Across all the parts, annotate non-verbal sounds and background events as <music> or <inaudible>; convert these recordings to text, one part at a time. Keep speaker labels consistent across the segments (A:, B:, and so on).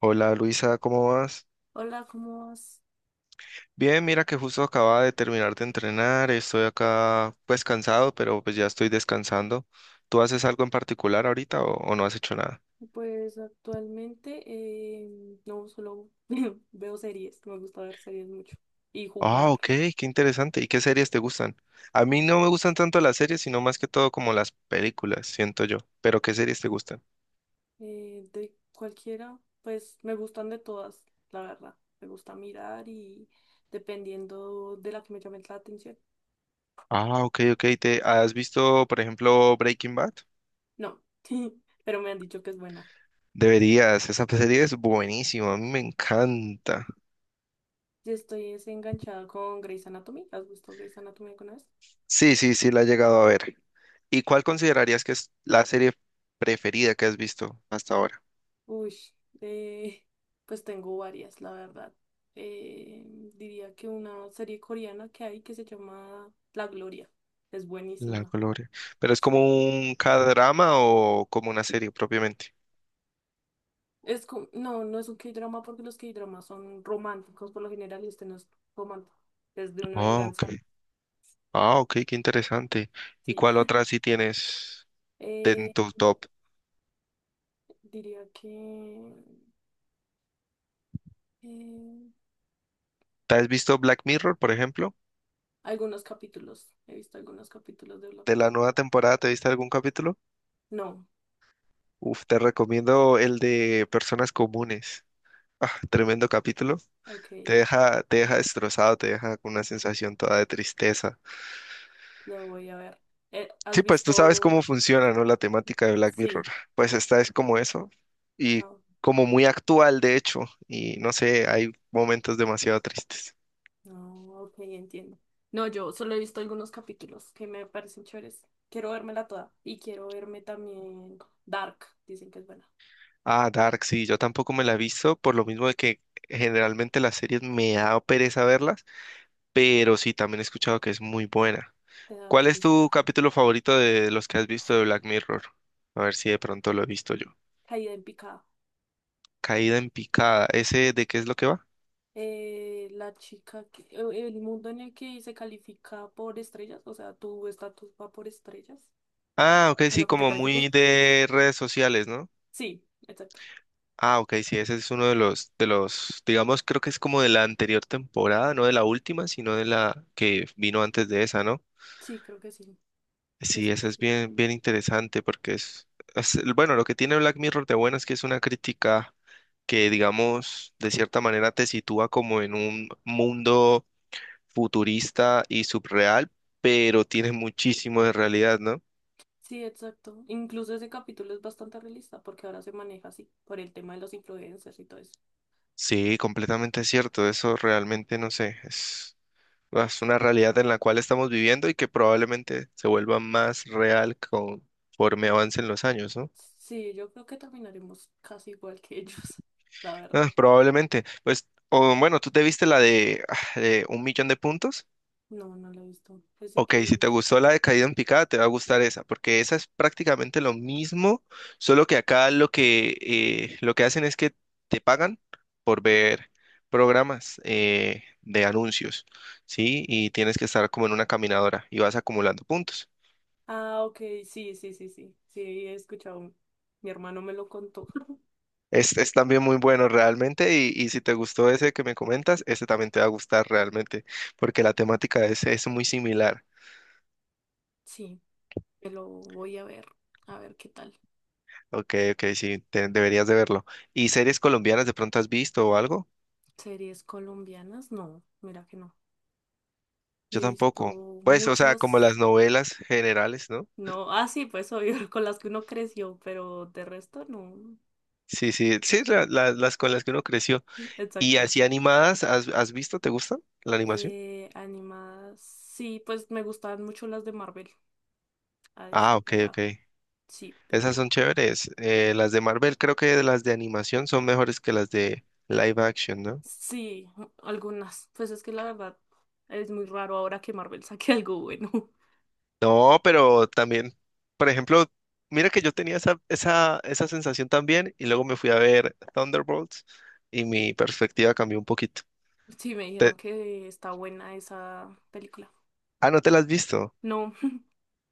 A: Hola Luisa, ¿cómo vas?
B: Hola, ¿cómo vas?
A: Bien, mira que justo acababa de terminar de entrenar, estoy acá pues cansado, pero pues ya estoy descansando. ¿Tú haces algo en particular ahorita o no has hecho nada?
B: Pues actualmente no solo <laughs> veo series, me gusta ver series mucho y
A: Ah, ok,
B: jugar
A: qué interesante. ¿Y qué series te gustan? A mí no me gustan tanto las series, sino más que todo como las películas, siento yo. Pero ¿qué series te gustan?
B: de cualquiera, pues me gustan de todas, la verdad. Me gusta mirar y dependiendo de la que me llame la atención.
A: Ah, ok, ok. ¿Te has visto, por ejemplo, Breaking Bad?
B: No, <laughs> pero me han dicho que es buena.
A: Deberías, esa serie es buenísima, a mí me encanta.
B: Yo estoy es enganchada con Grey's Anatomy. ¿Has visto Grey's Anatomy alguna vez?
A: Sí, sí, sí, la he llegado a ver. ¿Y cuál considerarías que es la serie preferida que has visto hasta ahora?
B: Uy, eh, pues tengo varias, la verdad. Eh, diría que una serie coreana que hay que se llama La Gloria. Es
A: La
B: buenísima,
A: Gloria. ¿Pero es como
B: sí.
A: un K-drama o como una serie propiamente?
B: Es no, no es un K-drama porque los K-dramas son románticos por lo general y este no es romántico. Es de una
A: Ah, ok.
B: venganza,
A: Ah, ok, qué interesante. ¿Y
B: sí.
A: cuál
B: <laughs>
A: otra sí tienes en
B: Eh,
A: tu top?
B: diría que eh,
A: ¿Te has visto Black Mirror, por ejemplo?
B: algunos capítulos. He visto algunos capítulos de Black
A: ¿De la
B: Mirror.
A: nueva temporada te viste algún capítulo?
B: No,
A: Uf, te recomiendo el de Personas Comunes. Ah, tremendo capítulo.
B: ok,
A: Te deja destrozado, te deja con una sensación toda de tristeza.
B: lo voy a ver. ¿Has
A: Sí, pues tú sabes
B: visto?
A: cómo funciona, ¿no? La temática de Black Mirror.
B: Sí.
A: Pues esta es como eso y
B: Ah,
A: como muy actual, de hecho, y no sé, hay momentos demasiado tristes.
B: no, ok, entiendo. No, yo solo he visto algunos capítulos que me parecen chéveres. Quiero vérmela toda. Y quiero verme también Dark. Dicen que es buena.
A: Ah, Dark, sí, yo tampoco me la he visto, por lo mismo de que generalmente las series me da pereza verlas, pero sí, también he escuchado que es muy buena.
B: Te da
A: ¿Cuál es tu
B: pereza.
A: capítulo favorito de los que has visto de Black Mirror? A ver si de pronto lo he visto yo.
B: Caída en picada.
A: Caída en picada, ¿ese de qué es lo que va?
B: La chica que, el mundo en el que se califica por estrellas, o sea, tu estatus va por estrellas.
A: Ah, ok,
B: ¿De
A: sí,
B: lo que te
A: como muy
B: califiquen?
A: de redes sociales, ¿no?
B: Sí, exacto.
A: Ah, ok, sí, ese es uno de los, digamos, creo que es como de la anterior temporada, no de la última, sino de la que vino antes de esa, ¿no?
B: Sí, creo que sí.
A: Sí, ese
B: Este,
A: es
B: sí.
A: bien, bien interesante porque bueno, lo que tiene Black Mirror de bueno es que es una crítica que, digamos, de cierta manera te sitúa como en un mundo futurista y subreal, pero tiene muchísimo de realidad, ¿no?
B: Sí, exacto. Incluso ese capítulo es bastante realista porque ahora se maneja así, por el tema de los influencers y todo eso.
A: Sí, completamente cierto, eso realmente no sé, es. Es una realidad en la cual estamos viviendo y que probablemente se vuelva más real conforme avancen los años, ¿no?
B: Sí, yo creo que terminaremos casi igual que ellos, <laughs> la
A: Ah,
B: verdad.
A: probablemente. Pues, o bueno, ¿tú te viste la de, de 1 millón de puntos?
B: No, no lo he visto. Pensé
A: Ok, si te
B: que...
A: gustó la de caída en picada, te va a gustar esa, porque esa es prácticamente lo mismo, solo que acá lo que hacen es que te pagan por ver programas de anuncios, ¿sí? Y tienes que estar como en una caminadora y vas acumulando puntos.
B: Ah, ok, sí, sí, sí, sí. Sí, he escuchado. Mi hermano me lo contó. <laughs>
A: Es también muy bueno realmente y si te gustó ese que me comentas, ese también te va a gustar realmente porque la temática es muy similar.
B: Sí, me lo voy a ver. A ver qué tal.
A: Ok, ok, sí, deberías de verlo. ¿Y series colombianas de pronto has visto o algo?
B: ¿Series colombianas? No, mira que no. Me
A: Yo
B: he visto
A: tampoco. Pues, o sea,
B: muchas.
A: como las novelas generales, ¿no?
B: No, ah, sí, pues obvio, <laughs> con las que uno creció, pero de resto no.
A: Sí, sí, sí, las con las que uno creció.
B: <laughs>
A: ¿Y
B: Exacto,
A: así
B: sí.
A: animadas, has visto? ¿Te gustan la animación?
B: Animadas. Sí, pues me gustaban mucho las de Marvel, a
A: Ah,
B: decir
A: ok,
B: verdad.
A: ok.
B: Sí,
A: Esas son
B: pero
A: chéveres. Las de Marvel creo que las de animación son mejores que las de live action, ¿no?
B: sí, algunas. Pues es que la verdad es muy raro ahora que Marvel <laughs> saque algo bueno. <laughs>
A: No, pero también, por ejemplo, mira que yo tenía esa sensación también y luego me fui a ver Thunderbolts y mi perspectiva cambió un poquito.
B: Sí, me
A: Te-
B: dijeron que está buena esa película.
A: ¿No te la has visto?
B: No, <laughs>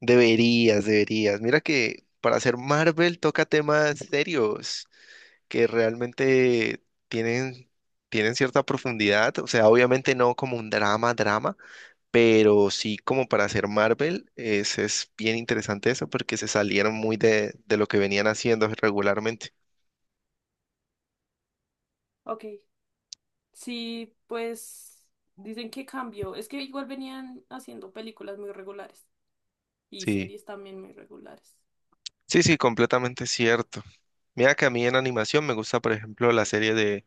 A: Deberías, deberías. Mira que para hacer Marvel toca temas serios que realmente tienen, tienen cierta profundidad. O sea, obviamente no como un drama, drama. Pero sí, como para hacer Marvel, es bien interesante eso porque se salieron muy de lo que venían haciendo regularmente.
B: ok. Sí, pues dicen que cambió. Es que igual venían haciendo películas muy regulares y
A: Sí,
B: series también muy regulares.
A: sí, sí, completamente cierto. Mira que a mí en animación me gusta, por ejemplo, la serie de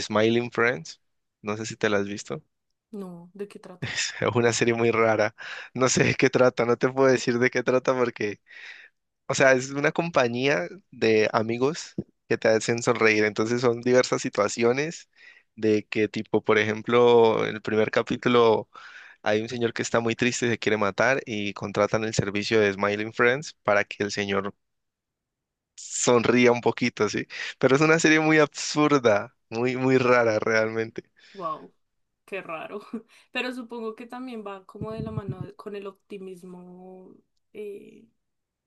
A: Smiling Friends. No sé si te la has visto. <laughs>
B: No, ¿de qué trata?
A: Es una serie muy rara. No sé de qué trata, no te puedo decir de qué trata porque. O sea, es una compañía de amigos que te hacen sonreír. Entonces son diversas situaciones de que tipo, por ejemplo, en el primer capítulo hay un señor que está muy triste y se quiere matar y contratan el servicio de Smiling Friends para que el señor sonría un poquito, ¿sí? Pero es una serie muy absurda, muy, muy rara realmente.
B: Wow, qué raro. <laughs> Pero supongo que también va como de la mano de- con el optimismo. eh,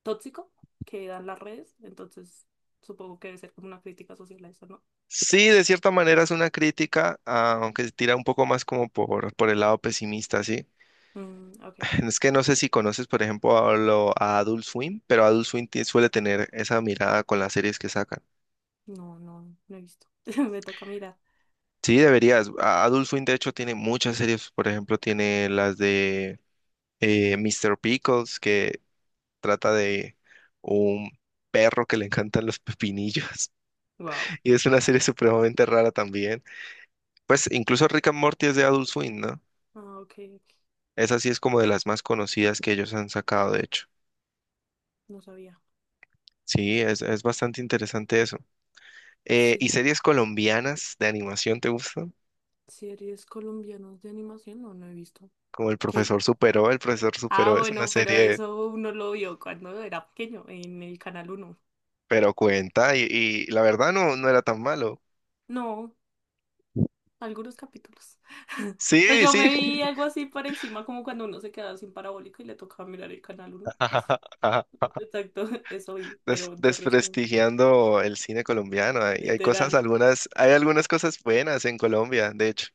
B: Tóxico que dan las redes, entonces supongo que debe ser como una crítica social a eso, ¿no?
A: Sí, de cierta manera es una crítica, ah, aunque se tira un poco más como por el lado pesimista, ¿sí?
B: Mm, ok,
A: <laughs> Es que no sé si conoces, por ejemplo, a Adult Swim, pero Adult Swim suele tener esa mirada con las series que sacan.
B: no, no, no he visto. <laughs> Me toca mirar.
A: Sí, deberías. Adult Swim, de hecho, tiene muchas series. Por ejemplo, tiene las de Mr. Pickles, que trata de un perro que le encantan los pepinillos. <laughs>
B: Wow.
A: Y es una serie supremamente rara también. Pues incluso Rick and Morty es de Adult Swim, ¿no?
B: Ah, ok, ok,
A: Esa sí es como de las más conocidas que ellos han sacado, de hecho.
B: no sabía.
A: Sí, es bastante interesante eso. ¿Y
B: Sí,
A: series colombianas de animación te gustan?
B: series colombianas de animación, no, no he visto.
A: Como El
B: ¿Qué?
A: Profesor Superó, El Profesor
B: Ah,
A: Superó es una
B: bueno, pero
A: serie,
B: eso uno lo vio cuando era pequeño, en el Canal uno.
A: pero cuenta, y la verdad no, no era tan malo.
B: No, algunos capítulos. <laughs> Pues
A: Sí,
B: yo me
A: sí,
B: vi algo así por encima, como cuando uno se quedaba sin parabólico y le tocaba mirar el Canal uno, así.
A: <laughs> ajá.
B: Exacto, <laughs> eso oí,
A: Des-
B: pero de resto,
A: desprestigiando el cine colombiano. Hay
B: literal.
A: cosas, algunas, hay algunas cosas buenas en Colombia, de hecho.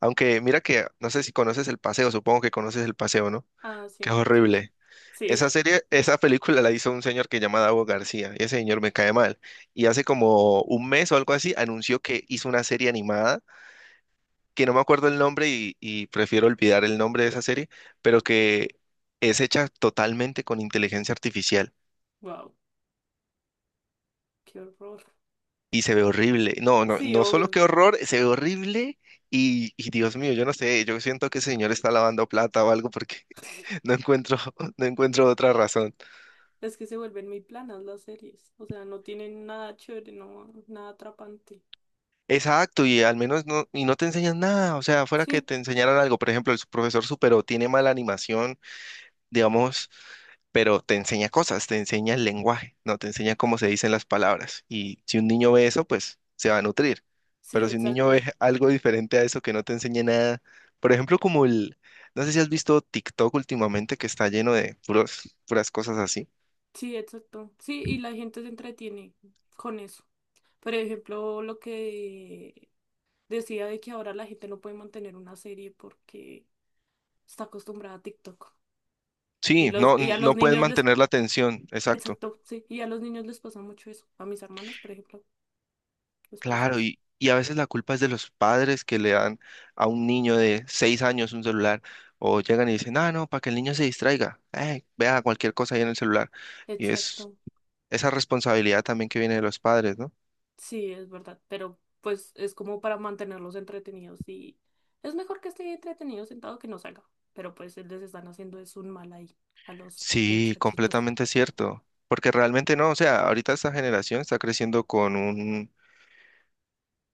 A: Aunque mira que, no sé si conoces El Paseo, supongo que conoces El Paseo, ¿no?
B: Ah,
A: Que
B: sí,
A: es
B: sí,
A: horrible.
B: sí.
A: Esa
B: <laughs>
A: serie, esa película la hizo un señor que se llama Davo García, y ese señor me cae mal. Y hace como un mes o algo así anunció que hizo una serie animada, que no me acuerdo el nombre y prefiero olvidar el nombre de esa serie, pero que es hecha totalmente con inteligencia artificial
B: Wow, qué horror.
A: y se ve horrible. No, no,
B: Sí,
A: no solo
B: obvio.
A: que horror, se ve horrible y Dios mío, yo no sé, yo siento que ese señor está lavando plata o algo porque <laughs> no encuentro, no encuentro otra razón.
B: Es que se vuelven muy planas las series. O sea, no tienen nada chévere, no, nada atrapante.
A: Exacto, y al menos no, y no te enseñan nada, o sea, fuera que
B: Sí,
A: te enseñaran algo, por ejemplo, el profesor supero tiene mala animación, digamos, pero te enseña cosas, te enseña el lenguaje, no te enseña cómo se dicen las palabras, y si un niño ve eso, pues se va a nutrir,
B: sí,
A: pero si un niño ve
B: exacto.
A: <laughs> algo diferente a eso que no te enseña nada, por ejemplo, como el, no sé si has visto TikTok últimamente que está lleno de puros, puras cosas así.
B: Sí, exacto. Sí, y la gente se entretiene con eso. Por ejemplo, lo que decía de que ahora la gente no puede mantener una serie porque está acostumbrada a TikTok. Y
A: Sí,
B: los,
A: no,
B: y a los
A: no puedes
B: niños les
A: mantener la atención, exacto.
B: exacto, sí. Y a los niños les pasa mucho eso. A mis hermanas, por ejemplo, les pasa
A: Claro,
B: eso.
A: y a veces la culpa es de los padres que le dan a un niño de 6 años un celular o llegan y dicen, ah, no, para que el niño se distraiga, vea cualquier cosa ahí en el celular. Y es
B: Exacto.
A: esa responsabilidad también que viene de los padres, ¿no?
B: Sí, es verdad. Pero pues es como para mantenerlos entretenidos y es mejor que esté entretenido sentado que no salga. Pero pues les están haciendo es un mal ahí a los
A: Sí,
B: muchachitos.
A: completamente cierto, porque realmente no, o sea, ahorita esta generación está creciendo con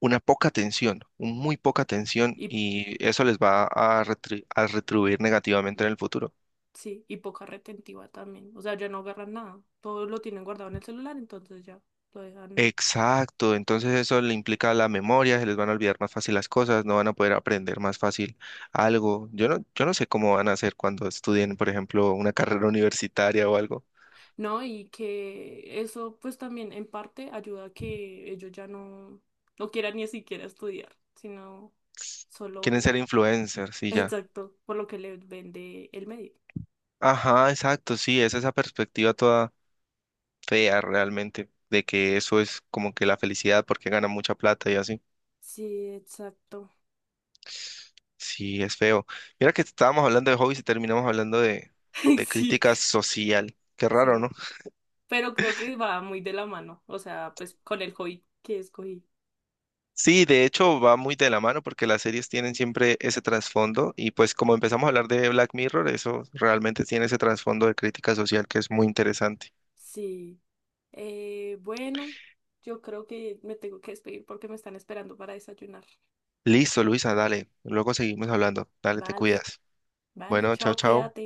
A: una poca atención, un muy poca atención
B: Y
A: y eso les va a, a retribuir negativamente en el futuro.
B: sí, y poca retentiva también. O sea, ya no agarran nada. Todo lo tienen guardado en el celular, entonces ya lo dejan
A: Exacto, entonces eso le implica a la memoria, se les van a olvidar más fácil las cosas, no van a poder aprender más fácil algo. Yo no, yo no sé cómo van a hacer cuando estudien, por ejemplo, una carrera <laughs> universitaria o algo.
B: ¿no? Y que eso pues también en parte ayuda a que ellos ya no, no quieran ni siquiera estudiar, sino
A: Quieren
B: solo,
A: ser influencers
B: <laughs>
A: y ya.
B: exacto, por lo que les vende el medio.
A: Ajá, exacto, sí, es esa perspectiva toda fea realmente, de que eso es como que la felicidad porque ganan mucha plata y así.
B: Sí, exacto.
A: Sí, es feo. Mira que estábamos hablando de hobbies y terminamos hablando
B: <laughs> Ay,
A: de
B: sí,
A: crítica social. Qué raro,
B: sí.
A: ¿no?
B: Pero creo que va muy de la mano, o sea, pues con el hobby que escogí.
A: Sí, de hecho va muy de la mano porque las series tienen siempre ese trasfondo y pues como empezamos a hablar de Black Mirror, eso realmente tiene ese trasfondo de crítica social que es muy interesante.
B: Sí. Bueno, yo creo que me tengo que despedir porque me están esperando para desayunar.
A: Listo, Luisa, dale. Luego seguimos hablando. Dale, te
B: Vale,
A: cuidas.
B: vale,
A: Bueno, chao,
B: chao,
A: chao.
B: cuídate.